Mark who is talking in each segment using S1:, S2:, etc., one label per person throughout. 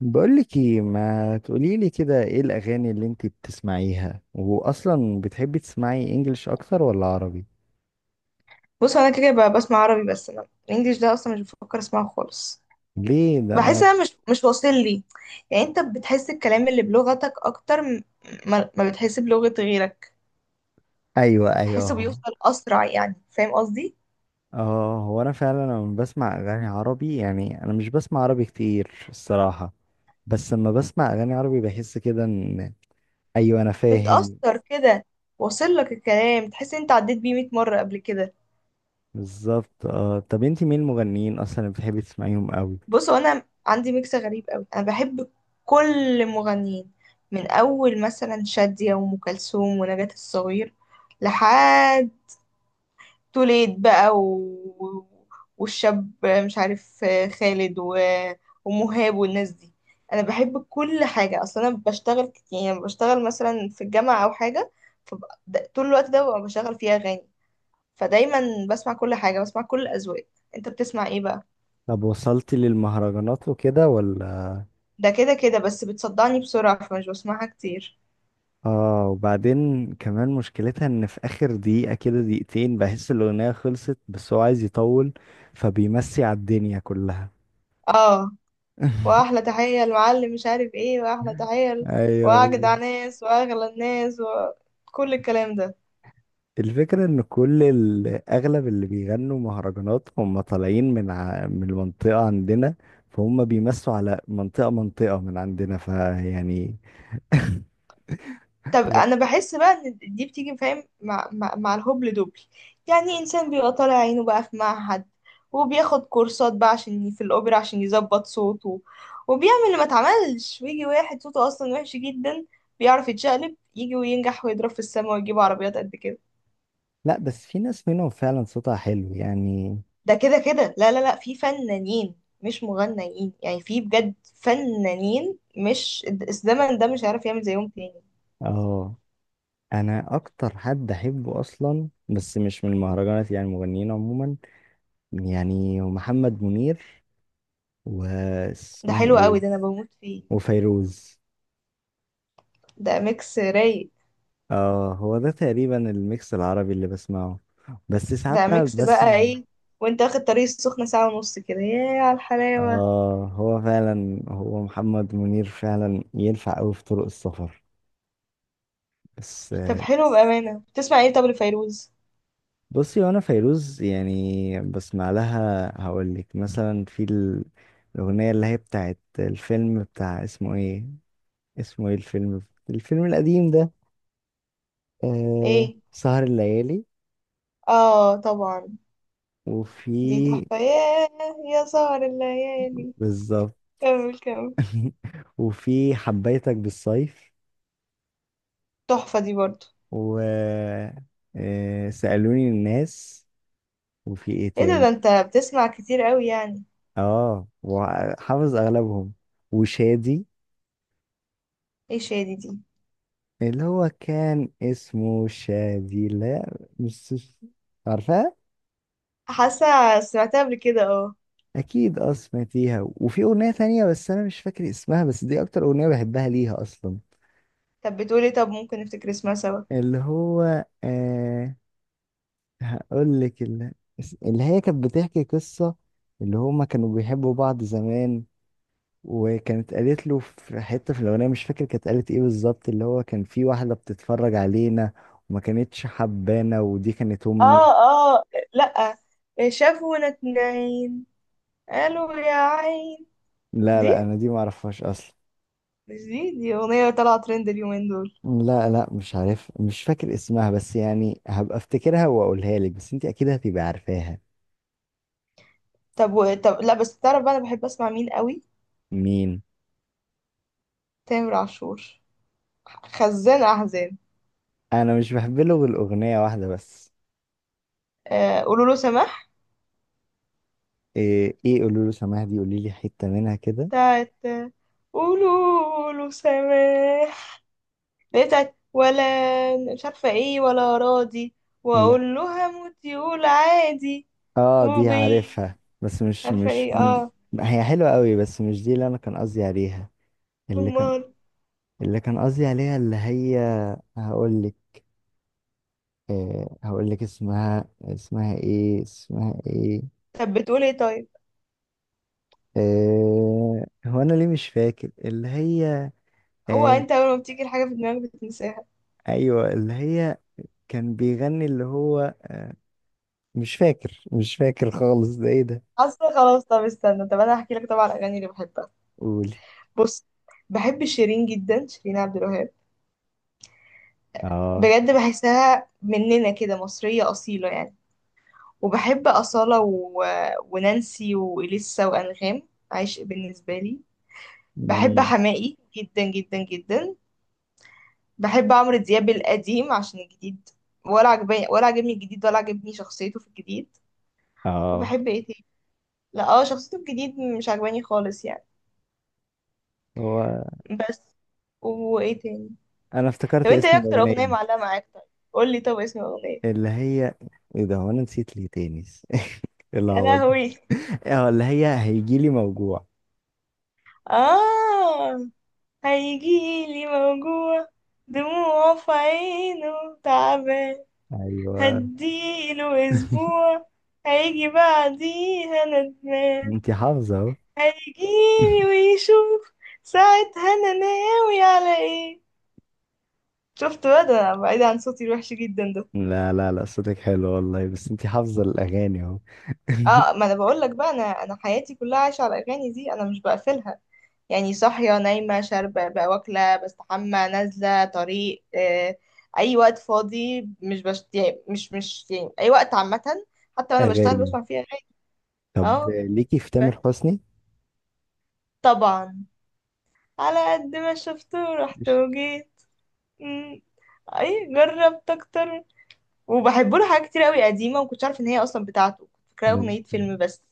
S1: بقولك ايه، ما تقوليلي كده، ايه الاغاني اللي انتي بتسمعيها، واصلا بتحبي تسمعي انجلش اكتر ولا عربي؟
S2: بص، انا كده بسمع عربي. بس انا الانجليش ده اصلا مش بفكر اسمعه خالص.
S1: ليه؟ ده
S2: بحس
S1: انا.
S2: انا مش واصل لي. يعني انت بتحس الكلام اللي بلغتك اكتر ما بتحس بلغة غيرك؟
S1: ايوه، ايوه،
S2: بحسه
S1: اهو.
S2: بيوصل اسرع، يعني فاهم قصدي؟
S1: اه، هو انا فعلا لما بسمع اغاني عربي، يعني انا مش بسمع عربي كتير الصراحه. بس لما بسمع اغاني عربي بحس كده ان... ايوه، انا فاهم.
S2: بتأثر كده. واصل لك الكلام، تحس انت عديت بيه 100 مرة قبل كده.
S1: بالظبط. اه، طب انتي مين المغنيين اصلا اللي بتحبي تسمعيهم قوي؟
S2: بص، هو انا عندي ميكس غريب قوي. انا بحب كل المغنيين، من اول مثلا شادية وام كلثوم ونجاة الصغير لحد توليد بقى والشاب مش عارف خالد ومهاب والناس دي. انا بحب كل حاجه. اصلا انا بشتغل يعني بشتغل مثلا في الجامعه او حاجه، طول الوقت ده ببقى بشغل فيها اغاني. فدايما بسمع كل حاجه، بسمع كل الاذواق. انت بتسمع ايه بقى؟
S1: طب، وصلتي للمهرجانات وكده ولا؟
S2: ده كده كده بس بتصدعني بسرعه، فمش بسمعها كتير.
S1: اه، وبعدين كمان مشكلتها ان في اخر دقيقة كده، دقيقتين، بحس الاغنية خلصت بس هو عايز يطول. فبيمسي على الدنيا كلها.
S2: اه. واحلى تحيه المعلم، مش عارف ايه، واحلى تحيه
S1: ايوه،
S2: واجدع
S1: بالظبط.
S2: ناس واغلى الناس وكل الكلام ده.
S1: الفكرة ان اغلب اللي بيغنوا مهرجانات هم طالعين من المنطقة عندنا. فهم بيمسوا على منطقة منطقة من عندنا فيعني...
S2: طب
S1: و...
S2: انا بحس بقى ان دي بتيجي فاهم مع الهبل دبل. يعني انسان بيبقى طالع عينه بقى في معهد، وبياخد كورسات بقى عشان في الاوبرا عشان يظبط صوته، وبيعمل اللي ما اتعملش، ويجي واحد صوته اصلا وحش جدا بيعرف يتشقلب، يجي وينجح ويضرب في السما ويجيب عربيات قد كده.
S1: لا، بس في ناس منهم فعلا صوتها حلو يعني.
S2: ده كده كده لا لا لا، في فنانين مش مغنيين. يعني في بجد فنانين مش الزمن ده مش عارف يعمل زيهم تاني.
S1: اه، انا اكتر حد احبه اصلا، بس مش من المهرجانات، يعني المغنيين عموما. يعني محمد منير.
S2: ده
S1: واسمها
S2: حلو
S1: ايه...
S2: قوي، ده انا بموت فيه.
S1: وفيروز.
S2: ده ميكس رايق.
S1: اه، هو ده تقريبا الميكس العربي اللي بسمعه. بس ساعات
S2: بقى
S1: بقى
S2: ميكس بقى
S1: بسمع...
S2: ايه؟ وانت واخد طريق السخنة ساعة ونص كده، ياه على الحلاوة.
S1: اه، هو فعلا هو محمد منير فعلا ينفع قوي في طرق السفر. بس.
S2: طب حلو، بأمانة بتسمع ايه طب لفيروز؟
S1: بصي، وانا فيروز يعني بسمع لها. هقول لك مثلا الاغنيه اللي هي بتاعت الفيلم بتاع اسمه ايه. اسمه ايه الفيلم؟ الفيلم القديم ده. آه،
S2: ايه.
S1: سهر الليالي.
S2: اه طبعا.
S1: وفي...
S2: دي تحفة، ياه. يا سهر الليالي.
S1: بالظبط.
S2: كمل كمل.
S1: وفي حبيتك بالصيف.
S2: تحفة دي برضو.
S1: و... آه، سألوني الناس. وفي ايه
S2: ايه ده،
S1: تاني؟
S2: انت بتسمع كتير قوي يعني؟
S1: اه، وحافظ اغلبهم. وشادي.
S2: ايه شادي دي؟
S1: اللي هو كان اسمه شادي. لا، مش عارفها؟
S2: حاسة سمعتها قبل كده، اه.
S1: اكيد، اه، سمعتيها. وفي اغنية تانية بس انا مش فاكر اسمها، بس دي اكتر اغنية بحبها ليها اصلا.
S2: طب بتقولي طب ممكن نفتكر اسمها سوا.
S1: اللي هو، هقول لك. اللي هي كانت بتحكي قصة. اللي هما كانوا بيحبوا بعض زمان. وكانت قالت له في حتة في الأغنية، مش فاكر كانت قالت ايه بالظبط. اللي هو كان في واحدة بتتفرج علينا، وما كانتش حبانا ودي كانت أمي.
S2: اه اه. لأ، شافونا اتنين قالوا يا عين.
S1: لا، لا،
S2: دي،
S1: أنا دي معرفهاش أصلا.
S2: مش دي اغنية طالعة ترند اليومين دول.
S1: لا، لا، مش عارف، مش فاكر اسمها، بس يعني هبقى افتكرها واقولها لك، بس انت اكيد هتبقى عارفاها.
S2: طب طب لا، بس تعرف بقى انا بحب اسمع مين قوي؟
S1: مين؟
S2: تامر عاشور، خزان احزان.
S1: انا مش بحب له غير اغنيه واحده بس.
S2: قولوا له سماح.
S1: ايه، ايه، قولوا له سماح دي، قولي لي حتة منها كده.
S2: بتاعت قولوا له سماح اللي هي بتاعت ولا، مش عارفة ايه، ولا راضي،
S1: لا.
S2: واقول له هموت يقول عادي.
S1: اه، دي
S2: وبي،
S1: عارفها بس مش
S2: عارفة
S1: مش
S2: ايه،
S1: مم.
S2: اه.
S1: هي حلوة قوي، بس مش دي اللي انا كان قصدي عليها. اللي كان...
S2: امال.
S1: اللي كان قصدي عليها، اللي هي... هقول لك. هقول لك اسمها. اسمها ايه؟ اسمها ايه؟
S2: طب بتقول ايه طيب؟
S1: هو انا ليه مش فاكر؟ اللي هي...
S2: هو
S1: آه...
S2: انت اول ما بتيجي الحاجة في دماغك بتنساها.
S1: ايوه، اللي هي... كان بيغني، اللي هو... مش فاكر خالص. ده ايه ده؟
S2: اصلا خلاص، طب استنى، طب انا هحكي لك طبعا الاغاني اللي بحبها.
S1: قولي.
S2: بص، بحب شيرين جدا، شيرين عبد الوهاب.
S1: اه،
S2: بجد بحسها مننا كده، مصرية أصيلة يعني. وبحب أصالة ونانسي وإليسا وأنغام. عشق بالنسبة لي. بحب
S1: مم.
S2: حماقي جدا جدا جدا. بحب عمرو دياب القديم عشان الجديد ولا عجبني. الجديد ولا عجبني شخصيته في الجديد.
S1: اه،
S2: وبحب ايه تاني؟ لا، اه، شخصيته الجديد مش عجباني خالص يعني.
S1: هو
S2: بس. وايه تاني؟
S1: انا
S2: طب
S1: افتكرت
S2: انت ايه
S1: اسم
S2: اكتر اغنية
S1: الاغنيه.
S2: معلقة معاك طيب؟ قولي طب اسم الاغنية.
S1: اللي هي... ايه ده، هو انا نسيت ليه تاني؟ إيه
S2: يا
S1: العبط ده؟
S2: لهوي.
S1: اه، اللي هي هيجيلي موجوع.
S2: آه هيجيلي موجوع، دموعه في عينه تعبان،
S1: ايوه.
S2: هديله أسبوع، هيجي بعديها ندمان.
S1: انتي حافظه اهو.
S2: هيجيلي ويشوف ساعتها أنا ناوي على إيه. شفت بقى، ده أنا بعيد عن صوتي الوحش جدا ده.
S1: لا، لا، لا، صوتك حلو والله، بس انتي حافظه الاغاني اهو.
S2: اه، ما انا بقول لك بقى، انا حياتي كلها عايشه على الاغاني دي، انا مش بقفلها. يعني صاحية، نايمة، شاربة بقى، واكلة، بستحمى، نازلة طريق، أي وقت فاضي، مش بشت... يعني مش يعني أي وقت عامة. حتى وأنا بشتغل
S1: اغاني.
S2: بسمع فيها أغاني.
S1: طب،
S2: اه،
S1: ليكي في
S2: بس
S1: تامر حسني؟
S2: طبعا على قد ما شفت ورحت
S1: مش-
S2: وجيت. مم. أي جربت أكتر. وبحبه له حاجات كتير أوي قديمة، ومكنتش عارفة إن هي أصلا بتاعته، كنت فاكراها
S1: ده
S2: أغنية فيلم بس.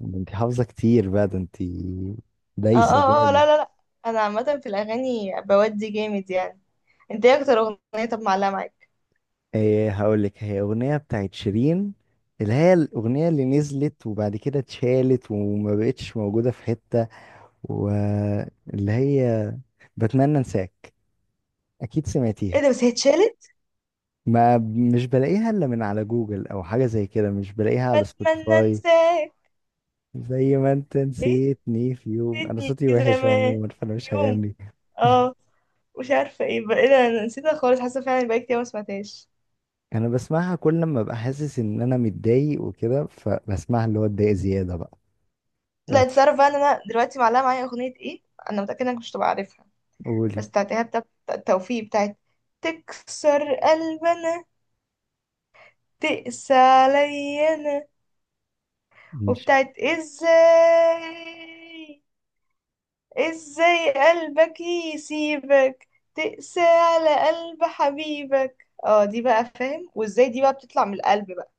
S1: ده انتي حافظه كتير بقى، ده انتي...
S2: اه
S1: دايسه
S2: اه اه،
S1: جامد.
S2: لا لا لا. أنا عامة في الأغاني بودي جامد يعني. انت ايه أكتر أغنية طب معلقة معاك؟
S1: ايه، هقول لك هي اغنيه بتاعت شيرين. اللي هي الاغنيه اللي نزلت وبعد كده اتشالت وما بقتش موجوده في حته. واللي هي... بتمنى انساك. اكيد
S2: ايه
S1: سمعتيها.
S2: ده، بس هي اتشالت؟
S1: ما مش بلاقيها الا من على جوجل او حاجه زي كده، مش بلاقيها على
S2: بتمنى
S1: سبوتيفاي.
S2: انساك.
S1: زي ما انت
S2: ايه،
S1: نسيتني في يوم. انا
S2: نسيتني
S1: صوتي وحش
S2: زمان
S1: عموما فانا
S2: في
S1: مش
S2: يوم.
S1: هغني.
S2: اه. مش عارفه ايه بقى، ايه ده، انا نسيتها خالص، حاسه فعلا بقى كتير ما سمعتهاش.
S1: انا بسمعها كل لما ابقى حاسس ان انا متضايق وكده، فبسمعها اللي هو اتضايق زياده بقى.
S2: لا، انت
S1: وتف-
S2: تعرف بقى ان انا دلوقتي معلقه معايا اغنيه ايه؟ انا متاكده انك مش هتبقى عارفها.
S1: قولي
S2: بس بتاعتها، بتاعت التوفيق، بتاعت تكسر قلبنا، تقسى علينا، وبتاعت ازاي ازاي قلبك يسيبك تقسى على قلب حبيبك، اه دي بقى فاهم، وازاي دي بقى بتطلع من القلب بقى.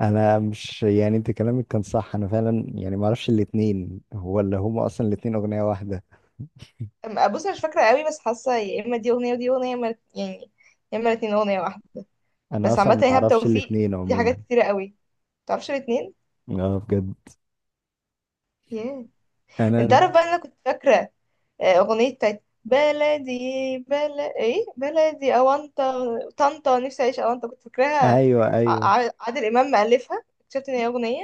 S1: انا مش، يعني انت كلامك كان صح، انا فعلا يعني ما اعرفش الاتنين. هو اللي هم اصلا الاتنين اغنية واحدة؟
S2: بص انا مش فاكره قوي، بس حاسه يا اما دي اغنيه ودي اغنيه، يا اما يعني يا اما الاثنين اغنيه واحده.
S1: انا
S2: بس
S1: اصلا
S2: عامه
S1: ما
S2: ايهاب
S1: اعرفش
S2: توفيق
S1: الاتنين
S2: دي حاجات
S1: عموما.
S2: كتيره قوي، متعرفش الاثنين؟
S1: اه، بجد.
S2: ياه. انت
S1: انا...
S2: عارف بقى إن انا كنت فاكره اغنيه بتاعت بلدي، بلد ايه، بلدي اوانطه، طنطا نفسي اعيش اوانطه، كنت فاكراها
S1: ايوه، ايوه.
S2: ع- عادل امام مألفها، اكتشفت ان هي اغنيه.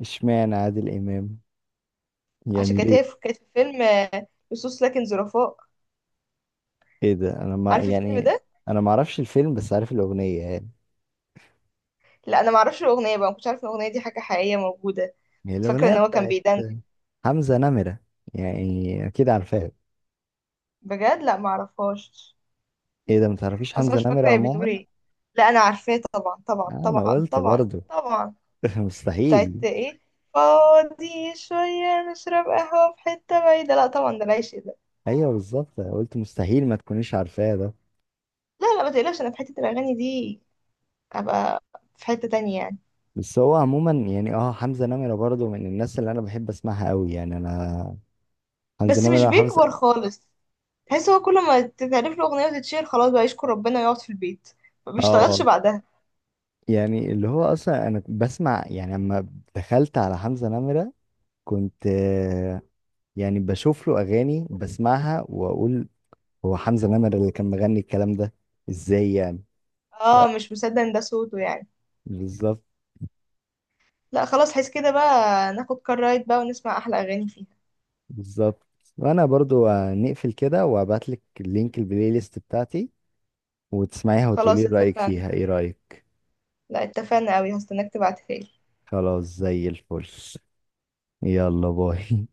S1: اشمعنى عادل امام؟
S2: عشان
S1: يعني
S2: كانت
S1: ليه؟
S2: هي كانت في فيلم لصوص لكن ظرفاء.
S1: ايه ده، انا ما،
S2: عارف الفيلم
S1: يعني...
S2: ده؟
S1: انا ما اعرفش الفيلم بس عارف الاغنية يعني.
S2: لا، انا ما اعرفش الاغنيه بقى، ما كنتش عارف ان الاغنيه دي حاجه حقيقيه موجوده.
S1: هي
S2: كنت فاكره
S1: الاغنية
S2: ان هو كان
S1: بتاعت...
S2: بيدندن.
S1: حمزة نمرة. يعني اكيد عارفاها.
S2: بجد؟ لا، ما اعرفهاش.
S1: ايه ده، ما تعرفيش
S2: اصلا
S1: حمزة
S2: مش
S1: نمرة
S2: فاكره هي بتقول
S1: عموما؟
S2: ايه. لا، انا عارفاه طبعا طبعا
S1: آه، انا
S2: طبعا
S1: قلت
S2: طبعا
S1: برضو.
S2: طبعا. بتاعت
S1: مستحيل.
S2: ايه؟ فاضي شويه نشرب قهوه في حته بعيده، لا طبعا ده العيش ده.
S1: ايوه، بالظبط، أنا قلت مستحيل ما تكونيش عارفاه ده.
S2: لا لا، ما تقلقش، انا في حته الاغاني دي ابقى في حته تانية يعني.
S1: بس هو عموما يعني، حمزة نمرة برضه من الناس اللي انا بحب اسمعها قوي، يعني انا... حمزة
S2: بس مش
S1: نمرة حافظ.
S2: بيكبر خالص. تحس هو كل ما تتعرف له أغنية وتتشير، خلاص بقى يشكر ربنا ويقعد في البيت، ما بيشتغلش
S1: اه،
S2: بعدها.
S1: يعني اللي هو اصلا انا بسمع، يعني اما دخلت على حمزة نمرة كنت، يعني بشوف له اغاني بسمعها واقول، هو حمزة نمرة اللي كان مغني الكلام ده؟ ازاي يعني. ف-
S2: اه، مش مصدق ان ده صوته يعني.
S1: بالظبط
S2: لا خلاص، حس كده بقى، ناخد كار رايد بقى ونسمع أحلى أغاني فيها.
S1: بالظبط. وانا برضو، نقفل كده وابعت لك لينك البلاي ليست بتاعتي، وتسمعيها وتقولي
S2: خلاص،
S1: رأيك
S2: اتفقنا.
S1: فيها. ايه رأيك؟
S2: لا اتفقنا قوي، هستناك تبعتها لي.
S1: خلاص، زي الفل. يلا، باي.